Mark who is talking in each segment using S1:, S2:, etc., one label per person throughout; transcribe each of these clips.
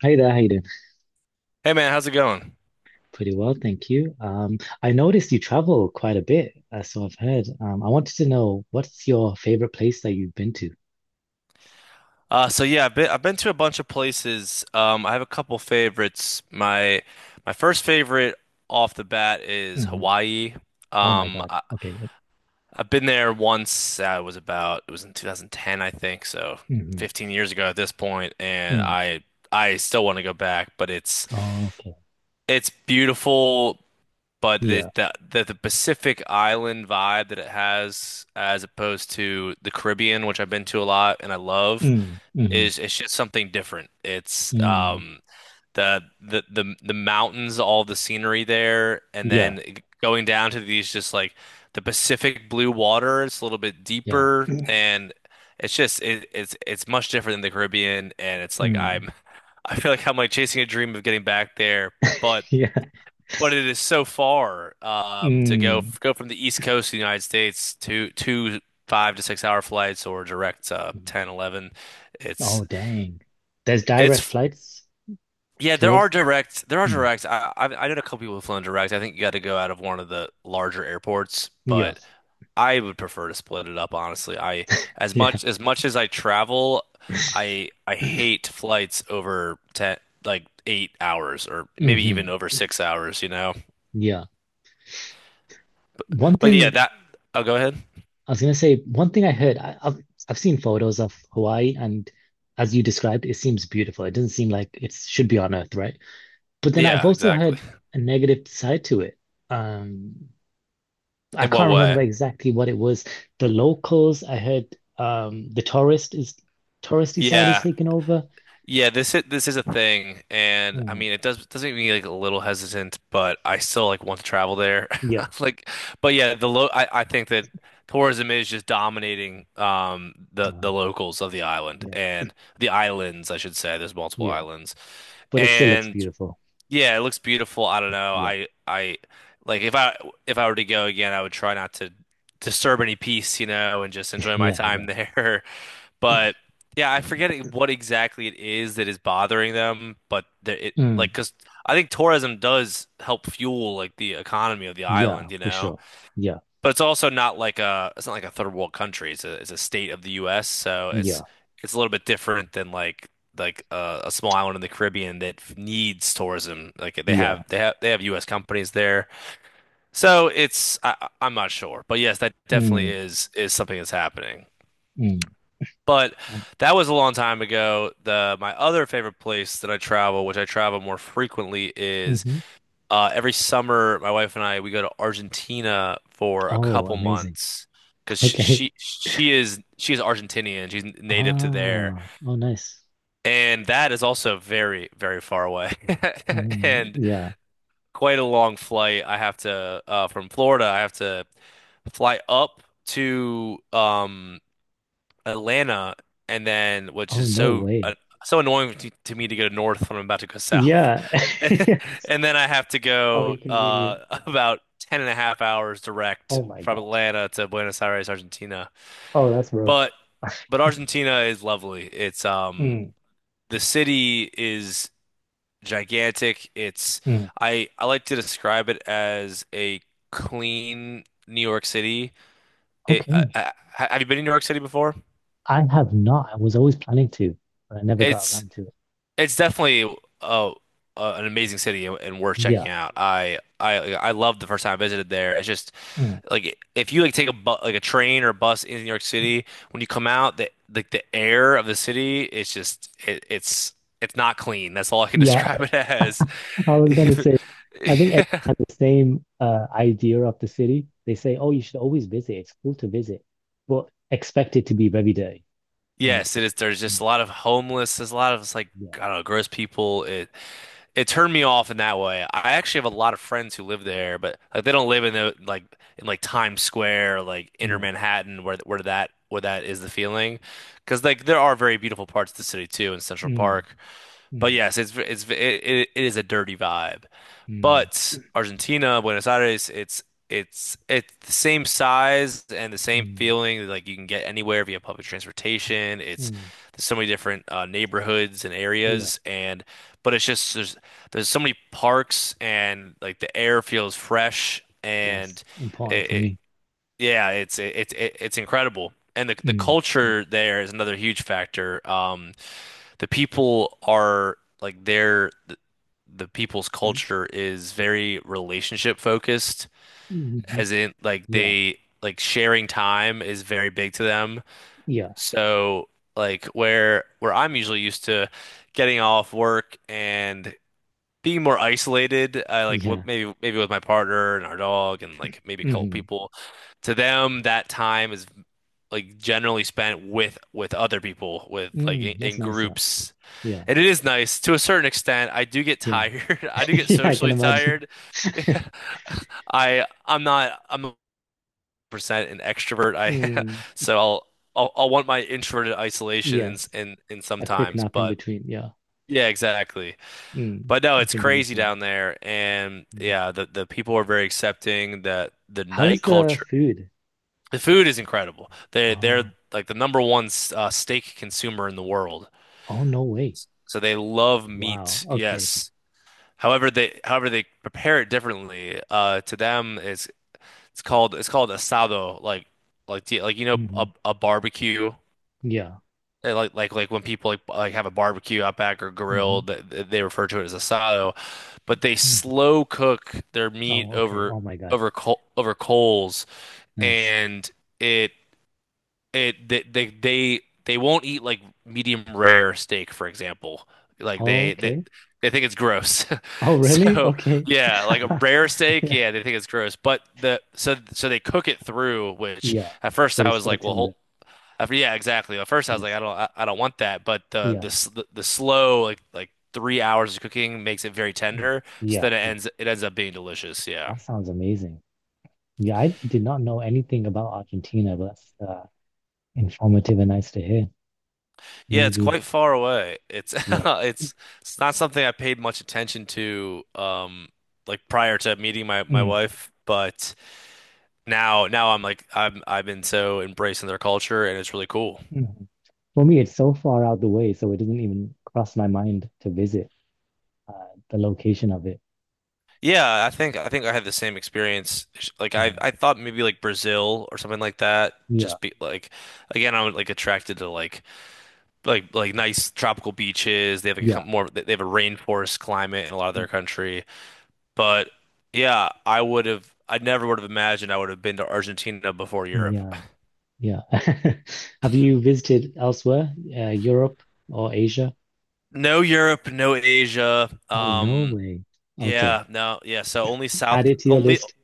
S1: Hey there, Hayden.
S2: Hey man, how's it going?
S1: Pretty well, thank you. I noticed you travel quite a bit, so I've heard. I wanted to know what's your favorite place that you've been to?
S2: So yeah, I've been to a bunch of places. I have a couple favorites. My first favorite off the bat is
S1: Hmm.
S2: Hawaii.
S1: Oh my
S2: Um,
S1: God.
S2: I,
S1: Okay. Yep.
S2: I've been there once. I was about it was in 2010, I think, so
S1: Mm-hmm.
S2: 15 years ago at this point, and
S1: Mm.
S2: I still want to go back, but it's
S1: Oh, okay.
S2: it's beautiful. But the,
S1: Yeah.
S2: the the the Pacific Island vibe that it has, as opposed to the Caribbean, which I've been to a lot and I love,
S1: Mm. Hmm.
S2: is it's just something different. It's
S1: Mm.
S2: the mountains, all the scenery there, and
S1: Yeah.
S2: then going down to these just like the Pacific blue water. It's a little bit
S1: Yeah.
S2: deeper, and it's just it's much different than the Caribbean, and it's like
S1: Mm.
S2: I'm I feel like I'm like chasing a dream of getting back there, but
S1: Yeah.
S2: but it is so far to go
S1: Mm.
S2: go from the East Coast of the United States to 2, 5 to 6 hour flights or direct
S1: Mm.
S2: 10, 11. It's
S1: Oh, dang. There's direct
S2: it's
S1: flights
S2: Yeah, there are
S1: towards. Mm.
S2: direct. I know a couple people who've flown direct. I think you got to go out of one of the larger airports,
S1: Yeah.
S2: but I would prefer to split it up, honestly. I as
S1: Yeah.
S2: much as much as I travel, I hate flights over 10, like 8 hours or maybe even
S1: Hmm.
S2: over 6 hours, you know.
S1: Yeah. One
S2: But yeah,
S1: thing
S2: that. Oh, go ahead.
S1: one thing I heard. I've I've seen photos of Hawaii, and as you described, it seems beautiful. It doesn't seem like it should be on Earth, right? But then I've
S2: Yeah,
S1: also
S2: exactly.
S1: heard a negative side to it. Um, I
S2: In what
S1: can't
S2: way?
S1: remember exactly what it was. The locals, I heard, the touristy side is
S2: Yeah.
S1: taken over.
S2: This is a thing, and I
S1: Mm,
S2: mean it does make me like a little hesitant, but I still like want to travel there.
S1: yeah,
S2: Like but yeah, I think that tourism is just dominating the
S1: um,
S2: the locals of the island
S1: yeah,
S2: and the islands, I should say. There's multiple
S1: yeah.
S2: islands.
S1: But it still looks
S2: And
S1: beautiful.
S2: yeah, it looks beautiful. I don't know.
S1: Yeah,
S2: I like if I were to go again, I would try not to disturb any peace, and just enjoy my
S1: yeah, yeah.
S2: time there. But yeah, I forget what exactly it is that is bothering them, but there it
S1: Mm,
S2: like because I think tourism does help fuel like the economy of the
S1: yeah,
S2: island, you
S1: for
S2: know.
S1: sure. Yeah,
S2: But it's also not like a it's not like a third world country. It's a state of the U.S., so it's
S1: yeah,
S2: it's a little bit different than like a small island in the Caribbean that needs tourism. Like
S1: yeah.
S2: they have U.S. companies there, so I'm not sure, but yes, that definitely
S1: Mm,
S2: is something that's happening.
S1: mm.
S2: But
S1: Um,
S2: that was a long time ago. The my other favorite place that I travel, which I travel more frequently, is
S1: mhm.
S2: every summer. My wife and I we go to Argentina for a
S1: Oh,
S2: couple
S1: amazing.
S2: months because
S1: Okay.
S2: she is Argentinian. She's native to there,
S1: Ah, oh, nice.
S2: and that is also very very far away
S1: Mm,
S2: and
S1: yeah.
S2: quite a long flight. I have to from Florida. I have to fly up to Atlanta, and then which
S1: Oh,
S2: is
S1: no
S2: so
S1: way.
S2: so annoying to me to go north when I'm about to go south.
S1: Yeah.
S2: And then I have to
S1: How
S2: go
S1: inconvenient.
S2: about 10 and a half hours
S1: Oh
S2: direct
S1: my
S2: from
S1: God.
S2: Atlanta to Buenos Aires, Argentina.
S1: Oh, that's rough.
S2: But but Argentina is lovely. It's
S1: Mm,
S2: the city is gigantic. It's
S1: mm.
S2: I like to describe it as a clean New York City. It,
S1: Okay.
S2: have you been in New York City before?
S1: I have not. I was always planning to, but I never got
S2: It's
S1: around to it.
S2: It's definitely uh, uh, an amazing city and worth checking
S1: Yeah.
S2: out. I loved the first time I visited there. It's just
S1: Mm.
S2: like if you like take a bu like a train or a bus in New York City, when you come out, the like the air of the city is just it's not clean. That's all I can
S1: Yeah.
S2: describe it as.
S1: I was gonna say, I think everyone has the same idea of the city. They say, oh, you should always visit. It's cool to visit, but expect it to be very dirty. And that's
S2: Yes,
S1: it.
S2: it is. There's
S1: Mm,
S2: just a lot of homeless. There's a lot of it's like
S1: yeah.
S2: I don't know, gross people. It turned me off in that way. I actually have a lot of friends who live there, but like they don't live in the like in like Times Square, or like inner
S1: Yeah.
S2: Manhattan, where that is the feeling. Because like there are very beautiful parts of the city too in Central
S1: Mm.
S2: Park, but
S1: Mm,
S2: yes, it is a dirty vibe.
S1: mm,
S2: But Argentina, Buenos Aires, it's the same size and the same
S1: mm,
S2: feeling. Like you can get anywhere via public transportation. It's
S1: mm.
S2: there's so many different neighborhoods and
S1: Yeah,
S2: areas, and but it's just there's so many parks and like the air feels fresh
S1: yes,
S2: and
S1: important
S2: it,
S1: for
S2: it
S1: me.
S2: yeah it's it, it, it it's incredible. And the
S1: Mm, mm,
S2: culture there is another huge factor. The people are like the people's
S1: mm,
S2: culture is very relationship focused,
S1: hmm.
S2: as in like
S1: Yeah,
S2: they like sharing time is very big to them.
S1: yeah,
S2: So like where I'm usually used to getting off work and being more isolated, I like what
S1: yeah.
S2: maybe with my partner and our dog and like maybe a couple
S1: Mm-hmm.
S2: people. To them, that time is like generally spent with other people, with like
S1: Mm, that's
S2: in
S1: nice up.
S2: groups,
S1: Yeah,
S2: and it is nice to a certain extent. I do get
S1: yeah.
S2: tired. I do get
S1: Yeah, I can
S2: socially
S1: imagine.
S2: tired. I I'm not I'm a percent an extrovert. I
S1: Mm,
S2: so I'll, I'll want my introverted isolation in
S1: yes,
S2: in in
S1: a quick
S2: sometimes,
S1: nap in
S2: but
S1: between. Yeah.
S2: yeah, exactly.
S1: Mm,
S2: But no,
S1: I
S2: it's
S1: think I'm the
S2: crazy
S1: same.
S2: down there, and
S1: Mm.
S2: yeah, the people are very accepting. That the night
S1: How's the
S2: culture,
S1: food?
S2: the food is incredible. They they're
S1: Oh,
S2: like the number one steak consumer in the world,
S1: oh, no way.
S2: so they love
S1: Wow.
S2: meat.
S1: Okay.
S2: Yes. However they prepare it differently. To them, it's called asado, like do like you know
S1: Hmm.
S2: a barbecue.
S1: Yeah.
S2: Like when people like have a barbecue out back or
S1: Hmm.
S2: grill, they refer to it as asado. But they
S1: Hmm.
S2: slow cook their meat
S1: Oh, okay. Oh my God.
S2: over coal over coals,
S1: Nice.
S2: and it it they won't eat like medium rare steak, for example. Like they
S1: Okay.
S2: they think it's gross.
S1: Oh, really?
S2: So
S1: Okay.
S2: yeah, like a rare steak,
S1: Yeah.
S2: yeah, they think it's gross. But the so they cook it through, which
S1: Yeah.
S2: at first
S1: But
S2: I
S1: it's
S2: was
S1: still
S2: like, well, hold,
S1: tender.
S2: after, yeah, exactly. At first I
S1: But
S2: was
S1: it's
S2: like,
S1: stuck.
S2: I don't want that. But
S1: Yeah.
S2: the slow like 3 hours of cooking makes it very
S1: Mm.
S2: tender. So
S1: Yeah.
S2: then it
S1: Oof,
S2: ends it ends up being delicious. Yeah.
S1: that sounds amazing. Yeah, I did not know anything about Argentina, but that's informative and nice to hear.
S2: Yeah, it's
S1: Maybe.
S2: quite far away. It's
S1: Yeah.
S2: it's not something I paid much attention to like prior to meeting my
S1: Mm.
S2: wife, but now I'm like I've been so embracing their culture and it's really cool.
S1: Mm. For me, it's so far out the way, so it doesn't even cross my mind to visit uh, the location of it.
S2: Yeah, I think I had the same experience. Like I
S1: Uh,
S2: I thought maybe like Brazil or something like that.
S1: yeah.
S2: Just be like again I'm like attracted to like nice tropical beaches. They have like a
S1: Yeah.
S2: more they have a rainforest climate in a lot of
S1: Mm.
S2: their country. But yeah, I never would have imagined I would have been to Argentina before Europe.
S1: Yeah. Yeah. Have you visited elsewhere, Europe or Asia?
S2: No Europe, no Asia.
S1: Oh, no way. Okay.
S2: Yeah, no, yeah. So only
S1: Add
S2: south,
S1: it to your
S2: only,
S1: list.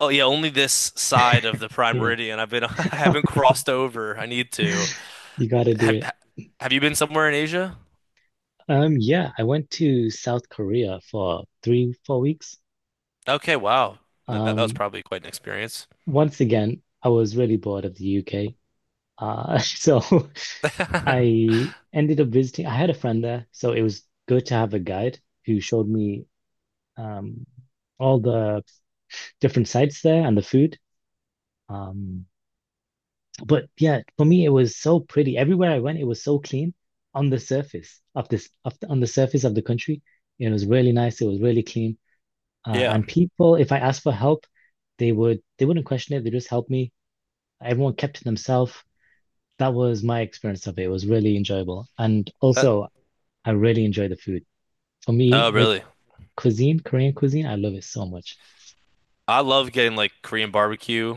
S2: oh yeah, only this side of the Prime
S1: Yeah.
S2: Meridian. I've been, I haven't
S1: Okay.
S2: crossed over. I need to.
S1: You gotta do
S2: Have,
S1: it.
S2: ha- have you been somewhere in Asia?
S1: Yeah, I went to South Korea for three, four weeks.
S2: Okay, wow. That was
S1: Um,
S2: probably quite an experience.
S1: once again, I was really bored of the UK. So I ended up visiting, I had a friend there, so it was good to have a guide who showed me um all the different sites there and the food. Um, But yeah, for me, it was so pretty. Everywhere I went, it was so clean on the surface of the country. It was really nice. It was really clean. Uh,
S2: Yeah.
S1: and people, if I asked for help, they wouldn't question it. They just helped me. Everyone kept to themselves. That was my experience of it. It was really enjoyable. And
S2: That,
S1: also, I really enjoy the food. For me,
S2: oh,
S1: the
S2: really?
S1: cuisine, Korean cuisine, I love it so much.
S2: I love getting like Korean barbecue,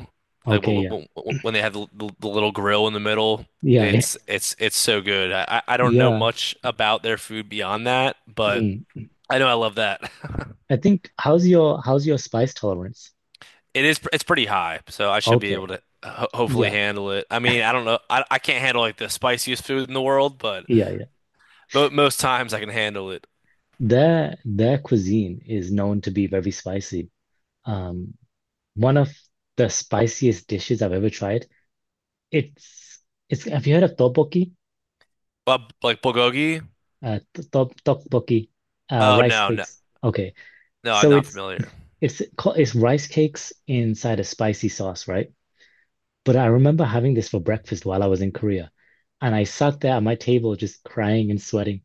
S2: like
S1: Okay,
S2: w
S1: yeah.
S2: w w when they have the little grill in the middle.
S1: Yeah,
S2: It's so good. I don't know
S1: yeah.
S2: much about their food beyond that, but
S1: Mm.
S2: I know I love that.
S1: I think how's your spice tolerance?
S2: It's pretty high, so I should be able
S1: Okay.
S2: to ho hopefully
S1: Yeah.
S2: handle it. I mean, I don't know. I can't handle like the spiciest food in the world,
S1: Yeah, yeah.
S2: but most times I can handle it.
S1: Their cuisine is known to be very spicy. Um, one of the spiciest dishes I've ever tried. It's it's have you heard of tteokbokki?
S2: Like bulgogi?
S1: T- top tteokbokki,
S2: Oh
S1: rice
S2: no, no,
S1: cakes. Okay,
S2: no, I'm
S1: so
S2: not
S1: it's
S2: familiar.
S1: it's ca- it's rice cakes inside a spicy sauce, right? But I remember having this for breakfast while I was in Korea, and I sat there at my table just crying and sweating.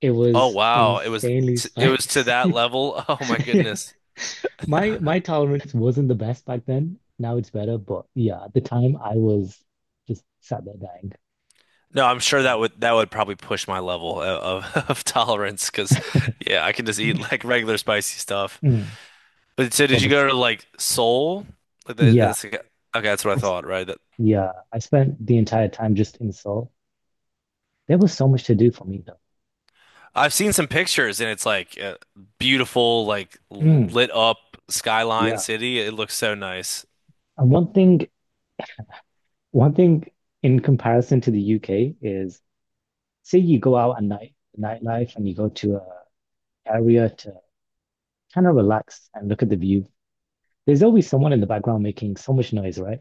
S1: It
S2: Oh
S1: was
S2: wow, it was
S1: insanely
S2: t it was to that
S1: spicy.
S2: level. Oh my
S1: Yeah.
S2: goodness.
S1: My tolerance wasn't the best back then. Now it's better, but yeah, at the time I was just sat there dying.
S2: No, I'm sure that
S1: But,
S2: would probably push my level of tolerance because yeah, I can just eat like regular spicy stuff.
S1: mm,
S2: But so
S1: but
S2: did you
S1: bes-
S2: go to like Seoul? Like the,
S1: yeah,
S2: that's, like, okay, that's what I
S1: I s-
S2: thought, right? That
S1: Yeah, I spent the entire time just in Seoul. There was so much to do for me though.
S2: I've seen some pictures and it's like a beautiful, like
S1: Mm,
S2: lit up skyline
S1: yeah.
S2: city. It looks so nice.
S1: And one thing in comparison to the UK is say you go out at night, nightlife, and you go to a area to kind of relax and look at the view. There's always someone in the background making so much noise, right?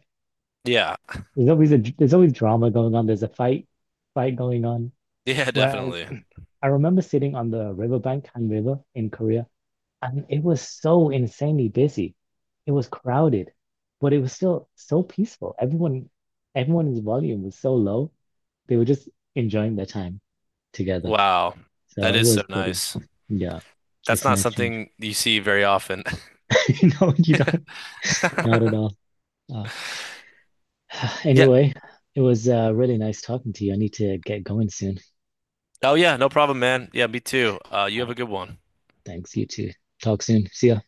S2: Yeah.
S1: There's always drama going on. There's a fight going on.
S2: Yeah,
S1: Whereas
S2: definitely.
S1: I remember sitting on the riverbank, Han River in Korea, and it was so insanely busy. It was crowded, but it was still so peaceful. Everyone's volume was so low. They were just enjoying their time together.
S2: Wow.
S1: So
S2: That
S1: it
S2: is
S1: was
S2: so
S1: pretty.
S2: nice.
S1: Yeah,
S2: That's
S1: it's a
S2: not
S1: nice change.
S2: something you see very often.
S1: No, you don't. Not at all. Uh,
S2: Yeah.
S1: anyway, it was really nice talking to you. I need to get going soon.
S2: Oh yeah, no problem, man. Yeah, me too. You have a good one.
S1: Thanks. You too. Talk soon. See ya.